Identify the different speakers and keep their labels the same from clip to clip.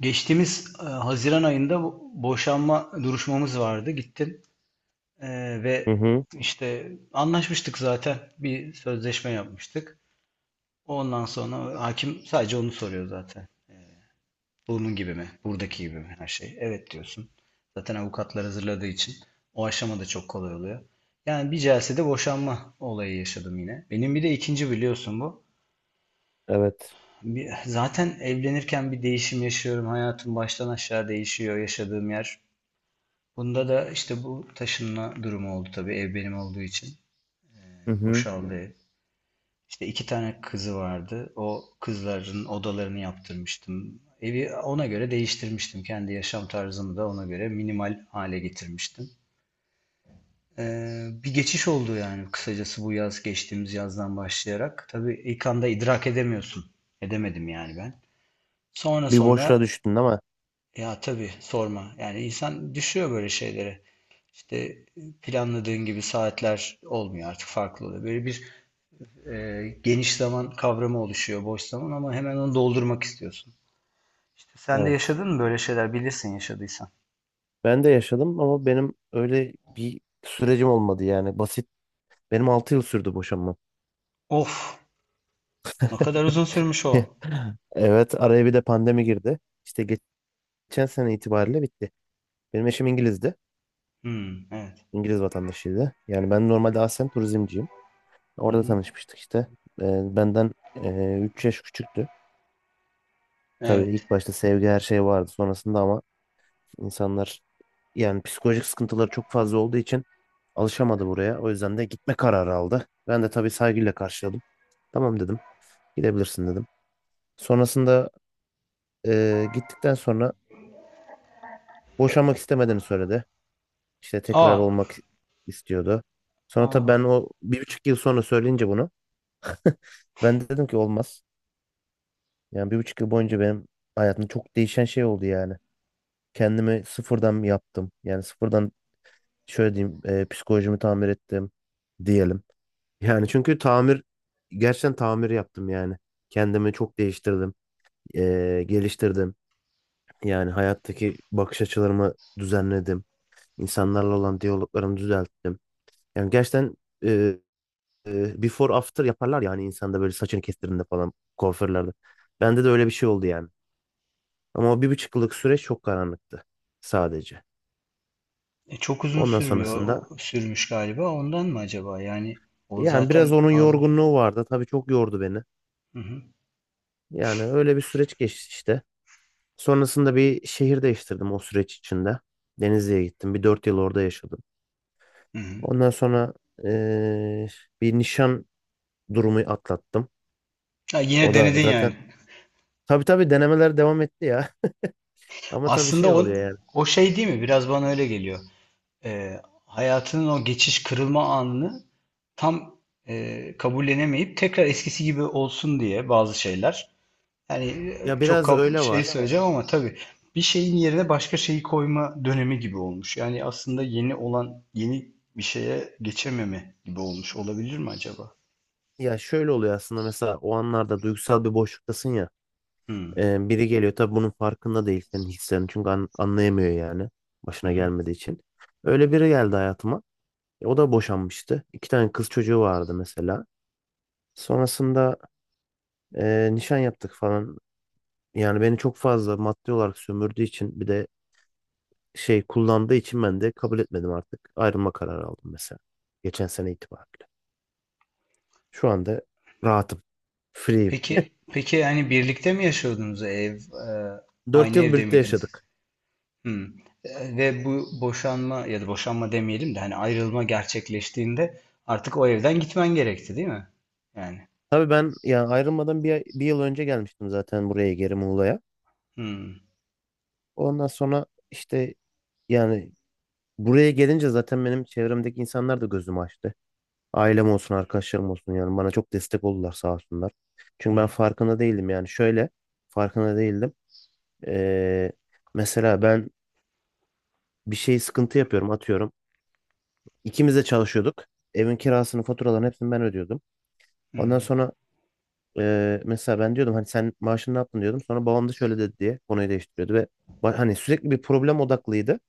Speaker 1: Geçtiğimiz, Haziran ayında boşanma duruşmamız vardı. Gittim E,
Speaker 2: Hı
Speaker 1: ve
Speaker 2: hı.
Speaker 1: işte anlaşmıştık zaten. Bir sözleşme yapmıştık. Ondan sonra hakim sadece onu soruyor zaten. Bunun gibi mi? Buradaki gibi mi? Her şey. Evet diyorsun. Zaten avukatlar hazırladığı için o aşama da çok kolay oluyor. Yani bir celsede boşanma olayı yaşadım yine. Benim bir de ikinci biliyorsun bu.
Speaker 2: Evet.
Speaker 1: Zaten evlenirken bir değişim yaşıyorum. Hayatım baştan aşağı değişiyor yaşadığım yer. Bunda da işte bu taşınma durumu oldu tabii ev benim olduğu için.
Speaker 2: Hı hı.
Speaker 1: Boşaldı ev. İşte iki tane kızı vardı. O kızların odalarını yaptırmıştım. Evi ona göre değiştirmiştim. Kendi yaşam tarzımı da ona göre minimal hale getirmiştim. Bir geçiş oldu yani kısacası bu yaz geçtiğimiz yazdan başlayarak. Tabii ilk anda idrak edemiyorsun. Edemedim yani ben. Sonra
Speaker 2: Bir boşluğa
Speaker 1: sonra
Speaker 2: düştün değil mi?
Speaker 1: ya tabii sorma. Yani insan düşüyor böyle şeylere. İşte planladığın gibi saatler olmuyor artık farklı oluyor. Böyle bir geniş zaman kavramı oluşuyor boş zaman ama hemen onu doldurmak istiyorsun. İşte sen de
Speaker 2: Evet.
Speaker 1: yaşadın mı böyle şeyler bilirsin yaşadıysan.
Speaker 2: Ben de yaşadım ama benim öyle bir sürecim olmadı yani. Basit. Benim 6 yıl sürdü boşanmam.
Speaker 1: Of, ne kadar uzun sürmüş o.
Speaker 2: Evet. Araya bir de pandemi girdi. İşte geçen sene itibariyle bitti. Benim eşim İngiliz'di.
Speaker 1: Hmm, evet.
Speaker 2: İngiliz vatandaşıydı. Yani ben normalde aslen turizmciyim.
Speaker 1: Hı
Speaker 2: Orada
Speaker 1: hı,
Speaker 2: tanışmıştık işte. Benden 3 yaş küçüktü. Tabii
Speaker 1: evet.
Speaker 2: ilk başta sevgi her şey vardı. Sonrasında ama İnsanlar yani psikolojik sıkıntıları çok fazla olduğu için alışamadı buraya. O yüzden de gitme kararı aldı. Ben de tabii saygıyla karşıladım. Tamam dedim. Gidebilirsin dedim. Sonrasında Gittikten sonra boşanmak istemediğini söyledi. İşte tekrar
Speaker 1: Aa,
Speaker 2: olmak istiyordu. Sonra tabii ben
Speaker 1: aa.
Speaker 2: o 1,5 yıl sonra söyleyince bunu, ben de dedim ki olmaz. Yani 1,5 yıl boyunca benim hayatımda çok değişen şey oldu yani. Kendimi sıfırdan yaptım. Yani sıfırdan şöyle diyeyim, Psikolojimi tamir ettim diyelim. Yani çünkü tamir, gerçekten tamir yaptım yani. Kendimi çok değiştirdim, geliştirdim. Yani hayattaki bakış açılarımı düzenledim. İnsanlarla olan diyaloglarımı düzelttim. Yani gerçekten before after yaparlar yani insanda, böyle saçını kestirdiğinde falan kuaförlerde. Bende de öyle bir şey oldu yani. Ama o 1,5 yıllık süreç çok karanlıktı sadece.
Speaker 1: E, çok uzun
Speaker 2: Ondan
Speaker 1: sürmüyor. O,
Speaker 2: sonrasında
Speaker 1: sürmüş galiba. Ondan mı acaba? Yani o
Speaker 2: yani biraz
Speaker 1: zaten
Speaker 2: onun
Speaker 1: az.
Speaker 2: yorgunluğu vardı. Tabii çok yordu beni.
Speaker 1: Hı hı,
Speaker 2: Yani öyle bir süreç geçti işte. Sonrasında bir şehir değiştirdim o süreç içinde. Denizli'ye gittim. Bir 4 yıl orada yaşadım.
Speaker 1: hı hı.
Speaker 2: Ondan sonra eee, bir nişan durumu atlattım.
Speaker 1: Ha, yine
Speaker 2: O da
Speaker 1: denedin
Speaker 2: zaten,
Speaker 1: yani.
Speaker 2: tabii tabii denemeler devam etti ya. Ama tabii
Speaker 1: Aslında
Speaker 2: şey
Speaker 1: o,
Speaker 2: oluyor yani.
Speaker 1: o şey değil mi? Biraz bana öyle geliyor. e, Hayatının o geçiş kırılma anını tam kabullenemeyip tekrar eskisi gibi olsun diye bazı şeyler. Yani
Speaker 2: Ya
Speaker 1: çok
Speaker 2: biraz öyle
Speaker 1: şey
Speaker 2: var.
Speaker 1: söyleyeceğim ama tabii bir şeyin yerine başka şeyi koyma dönemi gibi olmuş. Yani aslında yeni olan yeni bir şeye geçememe gibi olmuş olabilir mi acaba?
Speaker 2: Ya şöyle oluyor aslında, mesela o anlarda duygusal bir boşluktasın ya.
Speaker 1: Hmm.
Speaker 2: Biri geliyor, tabii bunun farkında değil senin hislerini. Çünkü anlayamıyor yani,
Speaker 1: Hı
Speaker 2: başına
Speaker 1: hı.
Speaker 2: gelmediği için. Öyle biri geldi hayatıma. O da boşanmıştı. İki tane kız çocuğu vardı mesela. Sonrasında nişan yaptık falan. Yani beni çok fazla maddi olarak sömürdüğü için, bir de şey kullandığı için ben de kabul etmedim artık. Ayrılma kararı aldım mesela. Geçen sene itibariyle. Şu anda rahatım. Free'yim.
Speaker 1: Peki peki, yani birlikte mi yaşıyordunuz
Speaker 2: dört
Speaker 1: aynı
Speaker 2: yıl
Speaker 1: evde
Speaker 2: birlikte
Speaker 1: miydiniz?
Speaker 2: yaşadık.
Speaker 1: Hımm. Ve bu boşanma ya da boşanma demeyelim de, hani, ayrılma gerçekleştiğinde artık o evden gitmen gerekti, değil mi? Yani.
Speaker 2: Tabii ben yani ayrılmadan bir yıl önce gelmiştim zaten buraya geri Muğla'ya.
Speaker 1: Hımm.
Speaker 2: Ondan sonra işte yani buraya gelince zaten benim çevremdeki insanlar da gözümü açtı. Ailem olsun, arkadaşlarım olsun yani, bana çok destek oldular sağ olsunlar.
Speaker 1: Hı
Speaker 2: Çünkü ben
Speaker 1: hı.
Speaker 2: farkında değildim, yani şöyle farkında değildim. Ee, mesela ben bir şey sıkıntı yapıyorum, atıyorum. İkimiz de çalışıyorduk. Evin kirasını, faturalarını hepsini ben ödüyordum. Ondan
Speaker 1: Hımm.
Speaker 2: sonra Mesela ben diyordum hani, sen maaşını ne yaptın diyordum. Sonra babam da şöyle dedi diye konuyu değiştiriyordu ve hani sürekli bir problem odaklıydı.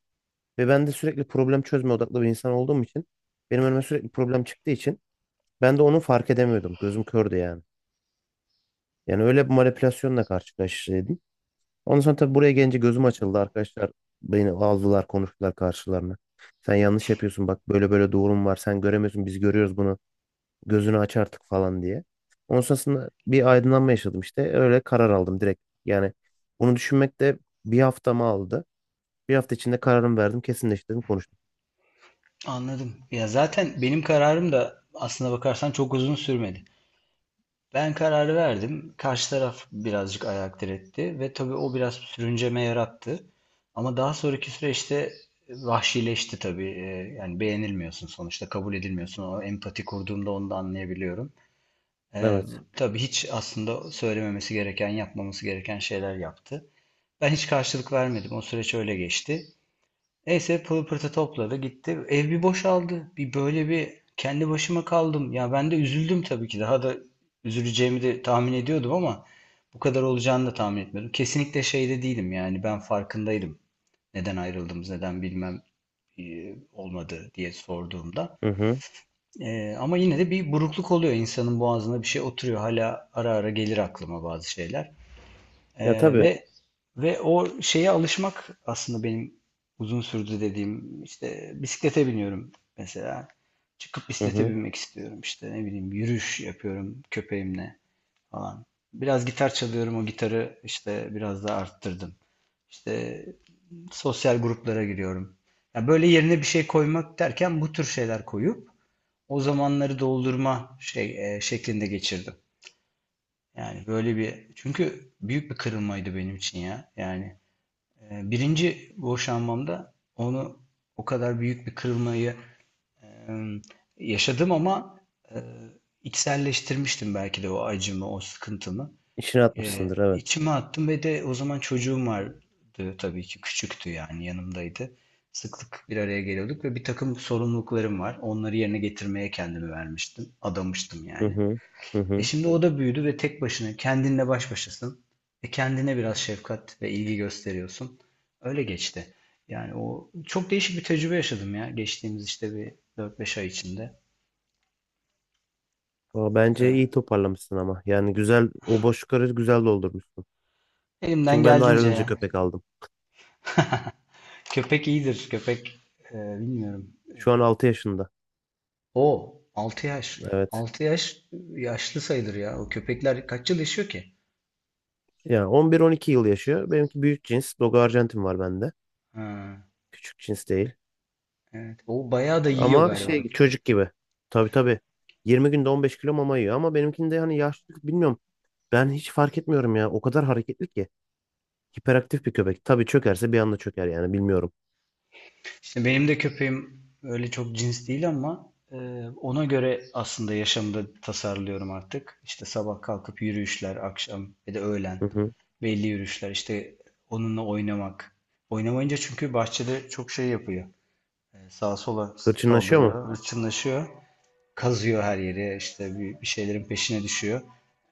Speaker 2: Ve ben de sürekli problem çözme odaklı bir insan olduğum için, benim önüme sürekli problem çıktığı için ben de onu fark edemiyordum. Gözüm kördü yani. Yani öyle bir manipülasyonla karşılaştıydım. Ondan sonra tabii buraya gelince gözüm açıldı arkadaşlar. Beni aldılar, konuştular karşılarına. Sen yanlış yapıyorsun bak, böyle böyle doğrum var. Sen göremiyorsun, biz görüyoruz bunu. Gözünü aç artık falan diye. Ondan sonrasında bir aydınlanma yaşadım işte. Öyle karar aldım direkt. Yani bunu düşünmek de bir haftamı aldı. Bir hafta içinde kararımı verdim, kesinleştirdim, konuştum.
Speaker 1: Anladım. Ya, zaten benim kararım da aslına bakarsan çok uzun sürmedi. Ben kararı verdim. Karşı taraf birazcık ayak diretti ve tabii o biraz sürünceme yarattı. Ama daha sonraki süreçte vahşileşti tabii. Yani beğenilmiyorsun sonuçta, kabul edilmiyorsun. O empati kurduğumda onu da anlayabiliyorum. Ee,
Speaker 2: Evet.
Speaker 1: tabii hiç aslında söylememesi gereken, yapmaması gereken şeyler yaptı. Ben hiç karşılık vermedim. O süreç öyle geçti. Neyse pılı pırtı topladı gitti. Ev bir boşaldı. Bir böyle bir kendi başıma kaldım. Ya ben de üzüldüm tabii ki. Daha da üzüleceğimi de tahmin ediyordum ama bu kadar olacağını da tahmin etmiyordum. Kesinlikle şeyde değilim yani ben farkındaydım. Neden ayrıldığımız, neden bilmem olmadı diye sorduğumda.
Speaker 2: Hı hı.
Speaker 1: Ama yine de bir burukluk oluyor. İnsanın boğazına bir şey oturuyor. Hala ara ara gelir aklıma bazı şeyler. Ee,
Speaker 2: Ya tabii.
Speaker 1: ve ve o şeye alışmak aslında benim uzun sürdü dediğim işte bisiklete biniyorum mesela. Çıkıp
Speaker 2: Hı
Speaker 1: bisiklete
Speaker 2: hı.
Speaker 1: binmek istiyorum işte ne bileyim yürüyüş yapıyorum köpeğimle falan. Biraz gitar çalıyorum o gitarı işte biraz daha arttırdım. İşte sosyal gruplara giriyorum. Ya böyle yerine bir şey koymak derken bu tür şeyler koyup o zamanları doldurma şeklinde geçirdim. Yani böyle bir çünkü büyük bir kırılmaydı benim için ya. Yani birinci boşanmamda onu o kadar büyük bir kırılmayı e, yaşadım ama e, içselleştirmiştim belki de o acımı, o sıkıntımı.
Speaker 2: İşine atmışsındır, evet.
Speaker 1: İçime attım ve de o zaman çocuğum vardı tabii ki küçüktü yani yanımdaydı. Sıklık bir araya geliyorduk ve bir takım sorumluluklarım var. Onları yerine getirmeye kendimi vermiştim, adamıştım
Speaker 2: Hı
Speaker 1: yani.
Speaker 2: hı. Hı
Speaker 1: E
Speaker 2: hı.
Speaker 1: şimdi o da büyüdü ve tek başına kendinle baş başasın. E kendine biraz şefkat ve ilgi gösteriyorsun. Öyle geçti. Yani o çok değişik bir tecrübe yaşadım ya geçtiğimiz işte bir dört beş ay içinde.
Speaker 2: Aa, bence
Speaker 1: Ee,
Speaker 2: iyi toparlamışsın ama. Yani güzel, o boşlukları güzel doldurmuşsun.
Speaker 1: Elimden
Speaker 2: Çünkü ben de
Speaker 1: geldiğince ya.
Speaker 2: ayrılınca köpek aldım.
Speaker 1: Köpek iyidir. Köpek bilmiyorum.
Speaker 2: Şu an 6 yaşında.
Speaker 1: O 6 yaş.
Speaker 2: Evet.
Speaker 1: Altı yaş yaşlı sayılır ya. O köpekler kaç yıl yaşıyor ki?
Speaker 2: Yani 11-12 yıl yaşıyor. Benimki büyük cins. Dogo Arjantin var bende.
Speaker 1: Ha,
Speaker 2: Küçük cins değil.
Speaker 1: evet. O bayağı da yiyor
Speaker 2: Ama
Speaker 1: galiba.
Speaker 2: şey, çocuk gibi. Tabii tabii. 20 günde 15 kilo mama yiyor ama benimkinde hani yaşlılık bilmiyorum. Ben hiç fark etmiyorum ya. O kadar hareketli ki. Hiperaktif bir köpek. Tabii çökerse bir anda çöker yani, bilmiyorum.
Speaker 1: İşte benim de köpeğim öyle çok cins değil ama ona göre aslında yaşamda tasarlıyorum artık. İşte sabah kalkıp yürüyüşler, akşam ya da
Speaker 2: Hı
Speaker 1: öğlen
Speaker 2: hı.
Speaker 1: belli yürüyüşler. İşte onunla oynamak. Oynamayınca çünkü bahçede çok şey yapıyor. Sağa sola
Speaker 2: Hırçınlaşıyor mu?
Speaker 1: saldırıyor, hırçınlaşıyor. Kazıyor her yeri, işte bir şeylerin peşine düşüyor.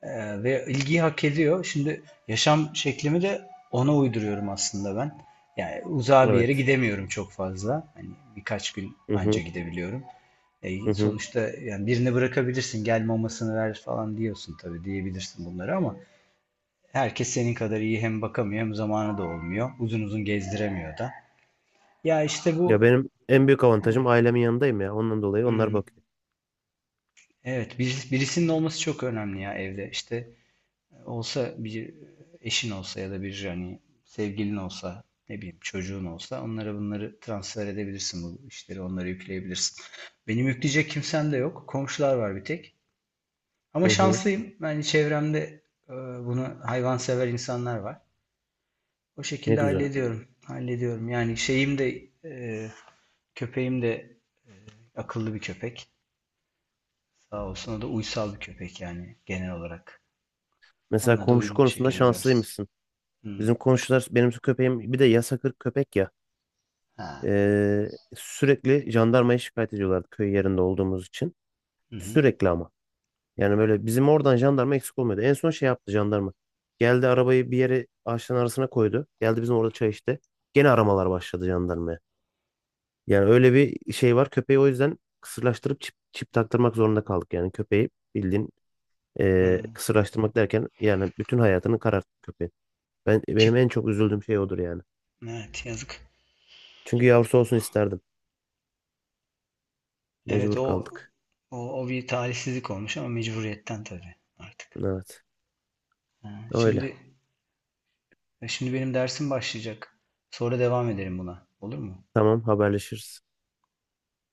Speaker 1: Ve ilgiyi hak ediyor. Şimdi yaşam şeklimi de ona uyduruyorum aslında ben. Yani uzağa bir yere
Speaker 2: Evet.
Speaker 1: gidemiyorum çok fazla. Hani birkaç gün
Speaker 2: Hı
Speaker 1: anca
Speaker 2: hı.
Speaker 1: gidebiliyorum.
Speaker 2: Hı
Speaker 1: E,
Speaker 2: hı.
Speaker 1: sonuçta yani birini bırakabilirsin, gel mamasını ver falan diyorsun tabii diyebilirsin bunları ama herkes senin kadar iyi hem bakamıyor hem zamanı da olmuyor. Uzun uzun gezdiremiyor da. Ya işte
Speaker 2: Ya
Speaker 1: bu
Speaker 2: benim en büyük avantajım, ailemin yanındayım ya. Ondan dolayı onlar
Speaker 1: hmm.
Speaker 2: bakıyor.
Speaker 1: Evet, birisinin olması çok önemli ya evde. İşte olsa bir eşin olsa ya da bir hani sevgilin olsa, ne bileyim çocuğun olsa onlara bunları transfer edebilirsin bu işleri, onlara yükleyebilirsin. Benim yükleyecek kimsem de yok. Komşular var bir tek. Ama
Speaker 2: Hı hı.
Speaker 1: şanslıyım. Yani çevremde e, bunu hayvansever insanlar var. O
Speaker 2: Ne
Speaker 1: şekilde
Speaker 2: güzel.
Speaker 1: hallediyorum. Hallediyorum. Yani şeyim de köpeğim de akıllı bir köpek. Sağ olsun o da uysal bir köpek yani genel olarak.
Speaker 2: Mesela
Speaker 1: Onunla da
Speaker 2: komşu
Speaker 1: uyumlu
Speaker 2: konusunda
Speaker 1: şekilde gidersin.
Speaker 2: şanslıymışsın.
Speaker 1: Hı.
Speaker 2: Bizim komşular, benim köpeğim bir de yasakır köpek ya.
Speaker 1: Ha.
Speaker 2: Sürekli jandarmaya şikayet ediyorlardı, köy yerinde olduğumuz için.
Speaker 1: Hı hı.
Speaker 2: Sürekli ama. Yani böyle bizim oradan jandarma eksik olmuyordu. En son şey yaptı jandarma. Geldi arabayı bir yere ağaçların arasına koydu. Geldi bizim orada çay içti. Gene aramalar başladı jandarmaya. Yani öyle bir şey var. Köpeği o yüzden kısırlaştırıp çip taktırmak zorunda kaldık. Yani köpeği bildiğin,
Speaker 1: Hı.
Speaker 2: kısırlaştırmak derken yani, bütün hayatını kararttı köpeğin. Ben,
Speaker 1: Çip.
Speaker 2: benim en çok üzüldüğüm şey odur yani.
Speaker 1: Evet, yazık.
Speaker 2: Çünkü yavrusu olsun isterdim.
Speaker 1: Evet
Speaker 2: Mecbur
Speaker 1: o
Speaker 2: kaldık.
Speaker 1: o, o bir talihsizlik olmuş ama mecburiyetten tabii artık.
Speaker 2: Evet.
Speaker 1: Ha.
Speaker 2: Öyle.
Speaker 1: Şimdi şimdi benim dersim başlayacak. Sonra devam edelim buna. Olur mu?
Speaker 2: Tamam, haberleşiriz.